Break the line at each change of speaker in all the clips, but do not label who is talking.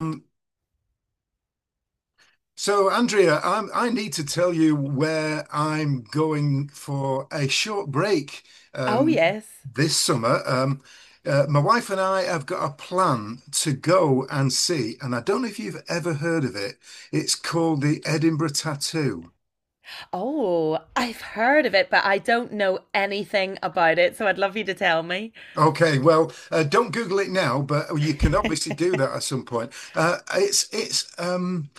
Um, So, Andrea, I need to tell you where I'm going for a short break
Oh,
um,
yes.
this summer. My wife and I have got a plan to go and see, and I don't know if you've ever heard of it. It's called the Edinburgh Tattoo.
Oh, I've heard of it, but I don't know anything about it, so I'd love you to tell me.
Okay, well, don't Google it now, but you can obviously do that at some point. It's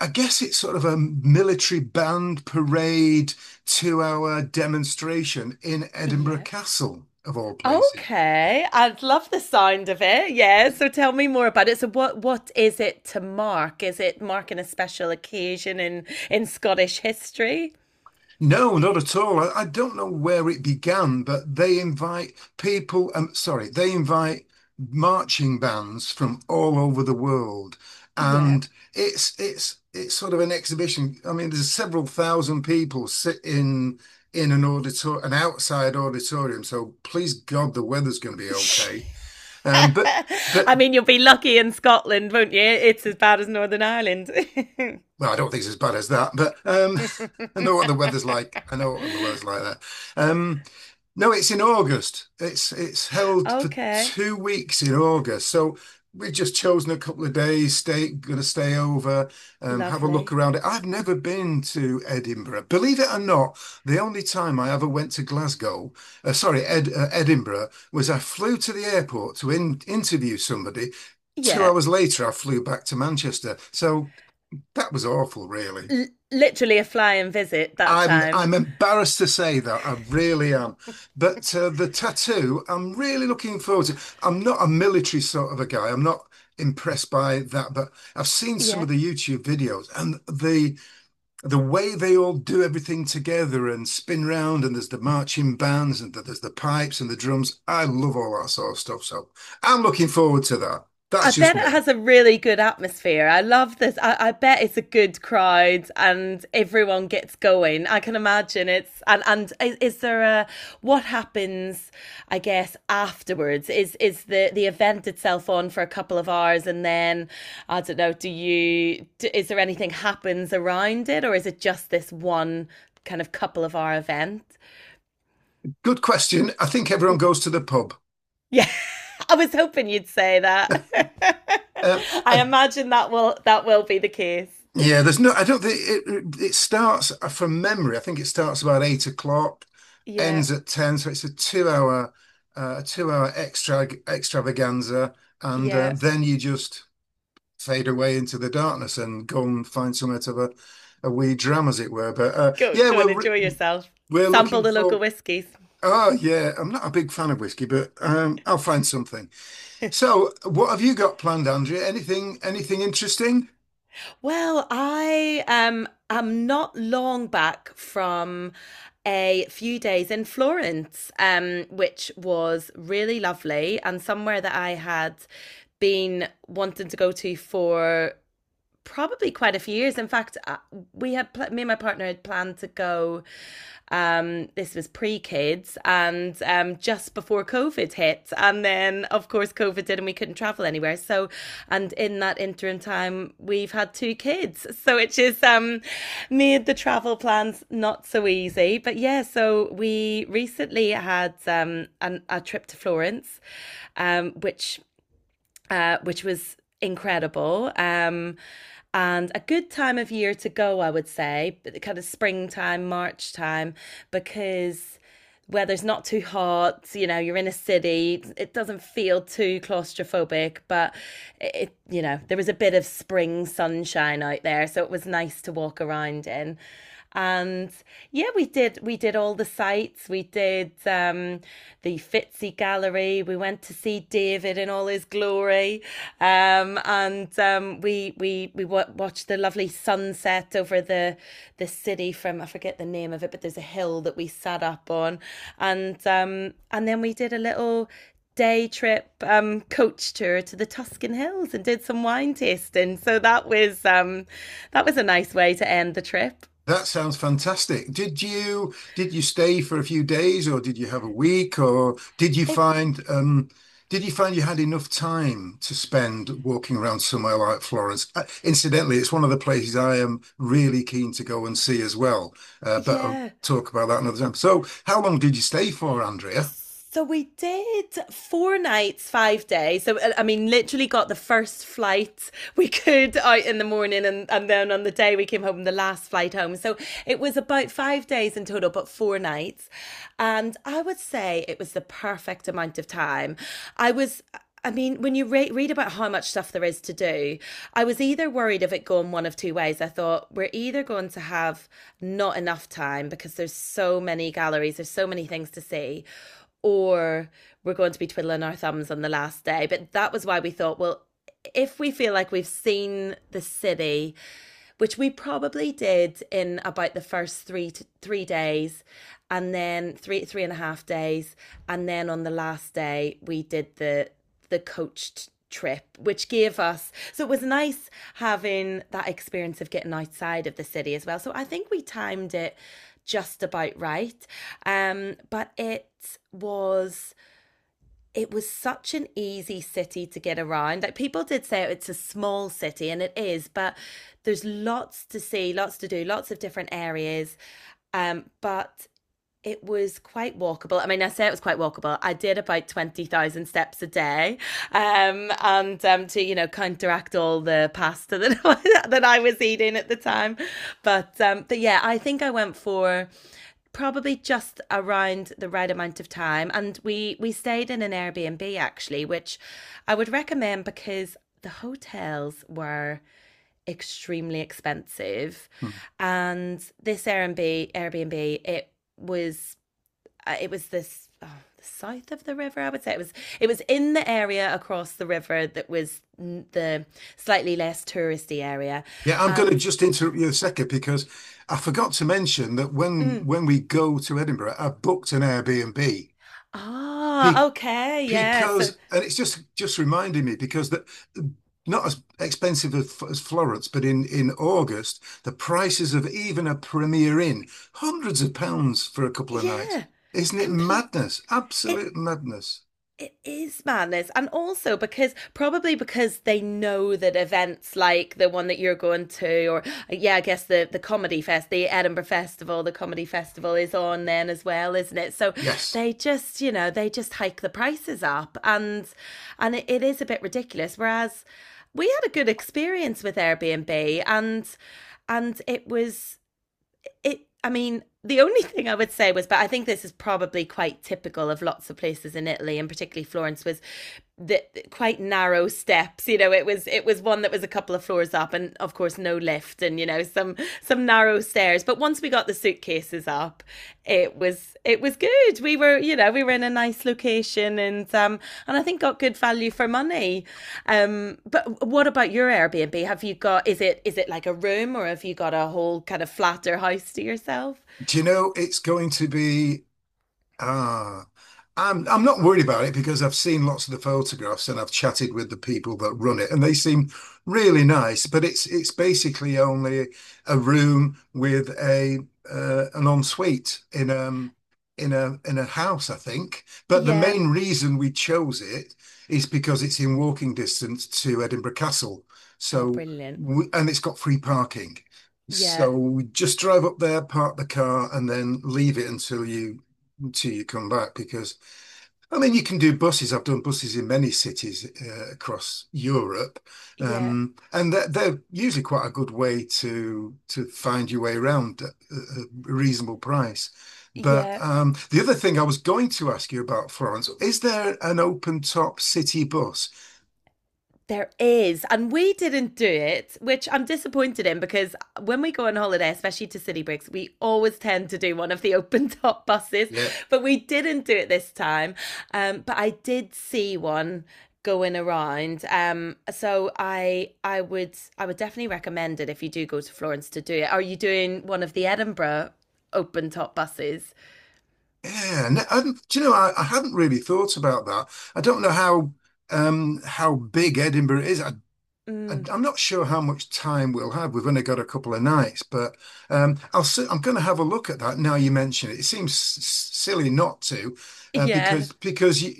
I guess it's sort of a military band parade 2-hour demonstration in Edinburgh
Yeah.
Castle, of all places.
Okay. I'd love the sound of it. Yeah. So tell me more about it. So what is it to mark? Is it marking a special occasion in Scottish history?
No, not at all. I don't know where it began, but they invite people, um, sorry, they invite marching bands from all over the world.
Yeah.
And it's sort of an exhibition. I mean, there's several thousand people sit in an auditor an outside auditorium. So please God, the weather's going to be okay. Um, but but
I mean, you'll be lucky in Scotland, won't you? It's as bad as Northern Ireland.
well, I don't think it's as bad as that. But I know what the weather's like. I know what the weather's like there. Um, no, it's in August. It's held for
Okay.
2 weeks in August. So we've just chosen a couple of days, stay gonna stay over, have a look
Lovely.
around it. I've never been to Edinburgh. Believe it or not, the only time I ever went to Glasgow, sorry, Edinburgh, was I flew to the airport to interview somebody. Two
Yeah.
hours later, I flew back to Manchester. So that was awful, really.
L- literally a flying visit that
I'm
time.
I'm embarrassed to say that I really am, but the tattoo I'm really looking forward to. I'm not a military sort of a guy. I'm not impressed by that, but I've seen some
Yeah.
of the YouTube videos and the way they all do everything together and spin round, and there's the marching bands and there's the pipes and the drums. I love all that sort of stuff, so I'm looking forward to that.
I
That's just
bet it
me.
has a really good atmosphere. I love this. I bet it's a good crowd and everyone gets going. I can imagine it's, and is there a, what happens? I guess afterwards, is the event itself on for a couple of hours, and then I don't know. Is there anything happens around it, or is it just this one kind of couple of hour event?
Good question. I think everyone goes to the pub.
Yeah, I was hoping you'd say that. I
I
imagine that will be the case.
Yeah, there's no, I don't think it starts from memory. I think it starts about 8 o'clock,
Yeah,
ends at 10. So it's a 2-hour extravaganza. And
yeah.
then you just fade away into the darkness and go and find somewhere to have a wee dram, as it were. But
Go
yeah,
go and enjoy yourself.
we're
Sample
looking
the
for,
local whiskies.
oh, yeah, I'm not a big fan of whiskey, but I'll find something. So what have you got planned, Andrea? Anything, anything interesting?
Well, I am not long back from a few days in Florence, which was really lovely and somewhere that I had been wanting to go to for probably quite a few years. In fact, we had me and my partner had planned to go. This was pre kids, and just before COVID hit, and then of course COVID did, and we couldn't travel anywhere. So, and in that interim time, we've had two kids, so it just made the travel plans not so easy. But yeah, so we recently had a trip to Florence, um, which which was incredible. And a good time of year to go, I would say, kind of springtime, March time, because weather's not too hot, you know, you're in a city, it doesn't feel too claustrophobic, but it, there was a bit of spring sunshine out there, so it was nice to walk around in. And yeah, we did all the sites. We did the Fitzy Gallery. We went to see David in all his glory. And we watched the lovely sunset over the city from, I forget the name of it, but there's a hill that we sat up on, and then we did a little day trip, coach tour to the Tuscan Hills, and did some wine tasting. So that was a nice way to end the trip.
That sounds fantastic. Did you stay for a few days or did you have a week, or
It
did you find you had enough time to spend walking around somewhere like Florence? Incidentally, it's one of the places I am really keen to go and see as well. But I'll
Yeah,
talk about that another time. So, how long did you stay for, Andrea?
so we did 4 nights, 5 days. So I mean, literally got the first flight we could out in the morning, and then on the day we came home, the last flight home. So it was about 5 days in total, but 4 nights. And I would say it was the perfect amount of time. I was I mean, when you read about how much stuff there is to do, I was either worried of it going one of two ways. I thought we're either going to have not enough time because there's so many galleries, there's so many things to see, or we're going to be twiddling our thumbs on the last day. But that was why we thought, well, if we feel like we've seen the city, which we probably did in about the first 3 to 3 days, and then three and a half days, and then on the last day we did the coached trip, which gave us, so it was nice having that experience of getting outside of the city as well. So I think we timed it just about right. But was it was such an easy city to get around. Like, people did say it's a small city, and it is, but there's lots to see, lots to do, lots of different areas. But it was quite walkable. I mean, I say it was quite walkable. I did about 20,000 steps a day. And to, counteract all the pasta that I was eating at the time. But yeah, I think I went for probably just around the right amount of time. And we stayed in an Airbnb actually, which I would recommend because the hotels were extremely expensive.
Hmm.
And this Airbnb, it was was the south of the river. I would say it was in the area across the river that was the slightly less touristy area,
Yeah, I'm going to
and
just interrupt you a second because I forgot to mention that when
mm,
when we go to Edinburgh, I booked an Airbnb.
ah, okay, yeah, so
Because, and it's just reminding me, because that, not as expensive as Florence, but in August the prices of even a Premier Inn, hundreds of pounds for a couple of nights.
yeah,
Isn't it
complete.
madness?
It
Absolute madness.
It is madness. And also, because probably because they know that events like the one that you're going to, or yeah, I guess, the comedy fest, the Edinburgh Festival, the comedy festival, is on then as well, isn't it? So
Yes.
they just hike the prices up, and it is a bit ridiculous. Whereas we had a good experience with Airbnb, and it was it I mean, the only thing I would say was, but I think this is probably quite typical of lots of places in Italy, and particularly Florence, was the quite narrow steps. You know, it was one that was a couple of floors up, and of course no lift, and some narrow stairs. But once we got the suitcases up, it was good. We were in a nice location, and I think got good value for money. But what about your Airbnb? Have you got, is it like a room, or have you got a whole kind of flat or house to yourself?
Do you know it's going to be— ah, I'm not worried about it because I've seen lots of the photographs and I've chatted with the people that run it and they seem
Mm.
really nice, but it's basically only a room with a an ensuite in a house, I think. But the
Yeah.
main reason we chose it is because it's in walking distance to Edinburgh Castle.
Oh,
So
brilliant.
we, and it's got free parking. So
Yeah.
we just drive up there, park the car, and then leave it until you till you come back, because I mean you can do buses. I've done buses in many cities across Europe,
Yeah.
and they're usually quite a good way to find your way around at a reasonable price. But
Yeah.
the other thing I was going to ask you about Florence, is there an open top city bus?
There is. And we didn't do it, which I'm disappointed in, because when we go on holiday, especially to city breaks, we always tend to do one of the open top buses.
Yep.
But we didn't do it this time. But I did see one going around. So I would definitely recommend it if you do go to Florence to do it. Are you doing one of the Edinburgh open top buses?
Yeah, and do you know, I hadn't really thought about that. I don't know how big Edinburgh is. I And
Mm,
I'm not sure how much time we'll have. We've only got a couple of nights, but I'll si am going to have a look at that now you mention it. It seems silly not to, uh,
yeah.
because because you,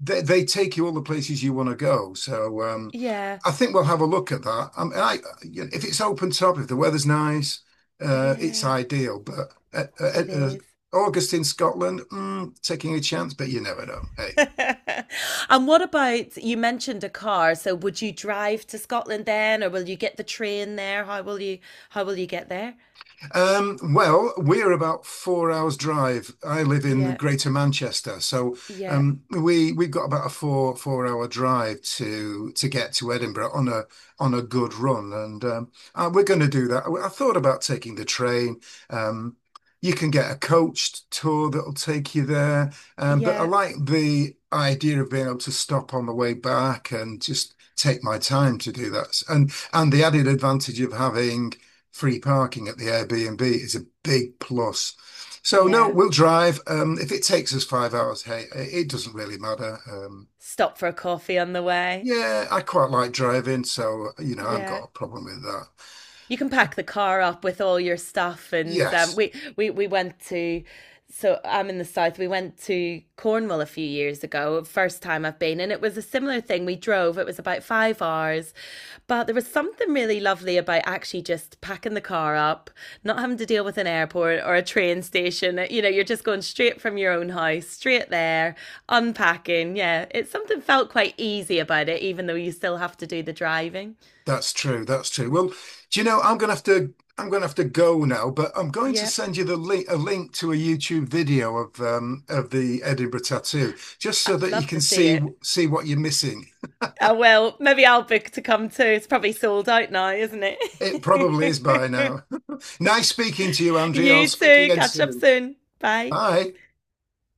they take you all the places you want to go. So
Yeah.
I think we'll have a look at that. And I, you know, if it's open top, if the weather's nice, it's
Yeah.
ideal. But
It is.
August in Scotland, taking a chance, but you never know. Hey.
And what about, you mentioned a car? So would you drive to Scotland then, or will you get the train there? How will you get there?
Well, we're about 4 hours drive. I live in the
Yeah,
Greater Manchester, so
yeah,
we've got about a four hour drive to get to Edinburgh on a good run, and we're going to do that. I thought about taking the train. Um, you can get a coached tour that'll take you there, but I
yeah,
like the idea of being able to stop on the way back and just take my time to do that, and the added advantage of having free parking at the Airbnb is a big plus. So no,
yeah.
we'll drive. If it takes us 5 hours, hey, it doesn't really matter.
Stop for a coffee on the way.
Yeah, I quite like driving, so you know, I've got
Yeah.
a problem with that.
You can pack the car up with all your stuff, and
Yes,
we went to, so I'm in the south, we went to Cornwall a few years ago. First time I've been, and it was a similar thing. We drove, it was about 5 hours, but there was something really lovely about actually just packing the car up, not having to deal with an airport or a train station. You know, you're just going straight from your own house, straight there, unpacking. Yeah, it's something, felt quite easy about it, even though you still have to do the driving.
that's true. That's true. Well, do you know, I'm gonna have to go now, but I'm going to
Yeah,
send you the link a link to a YouTube video of the Edinburgh tattoo, just so
I'd
that you
love to
can
see it.
see what you're missing.
I will. Maybe I'll book to come too. It's probably sold out now, isn't
It probably is by
it?
now. Nice speaking to you, Andrea. I'll
You
speak
too.
again
Catch up
soon.
soon. Bye.
Bye.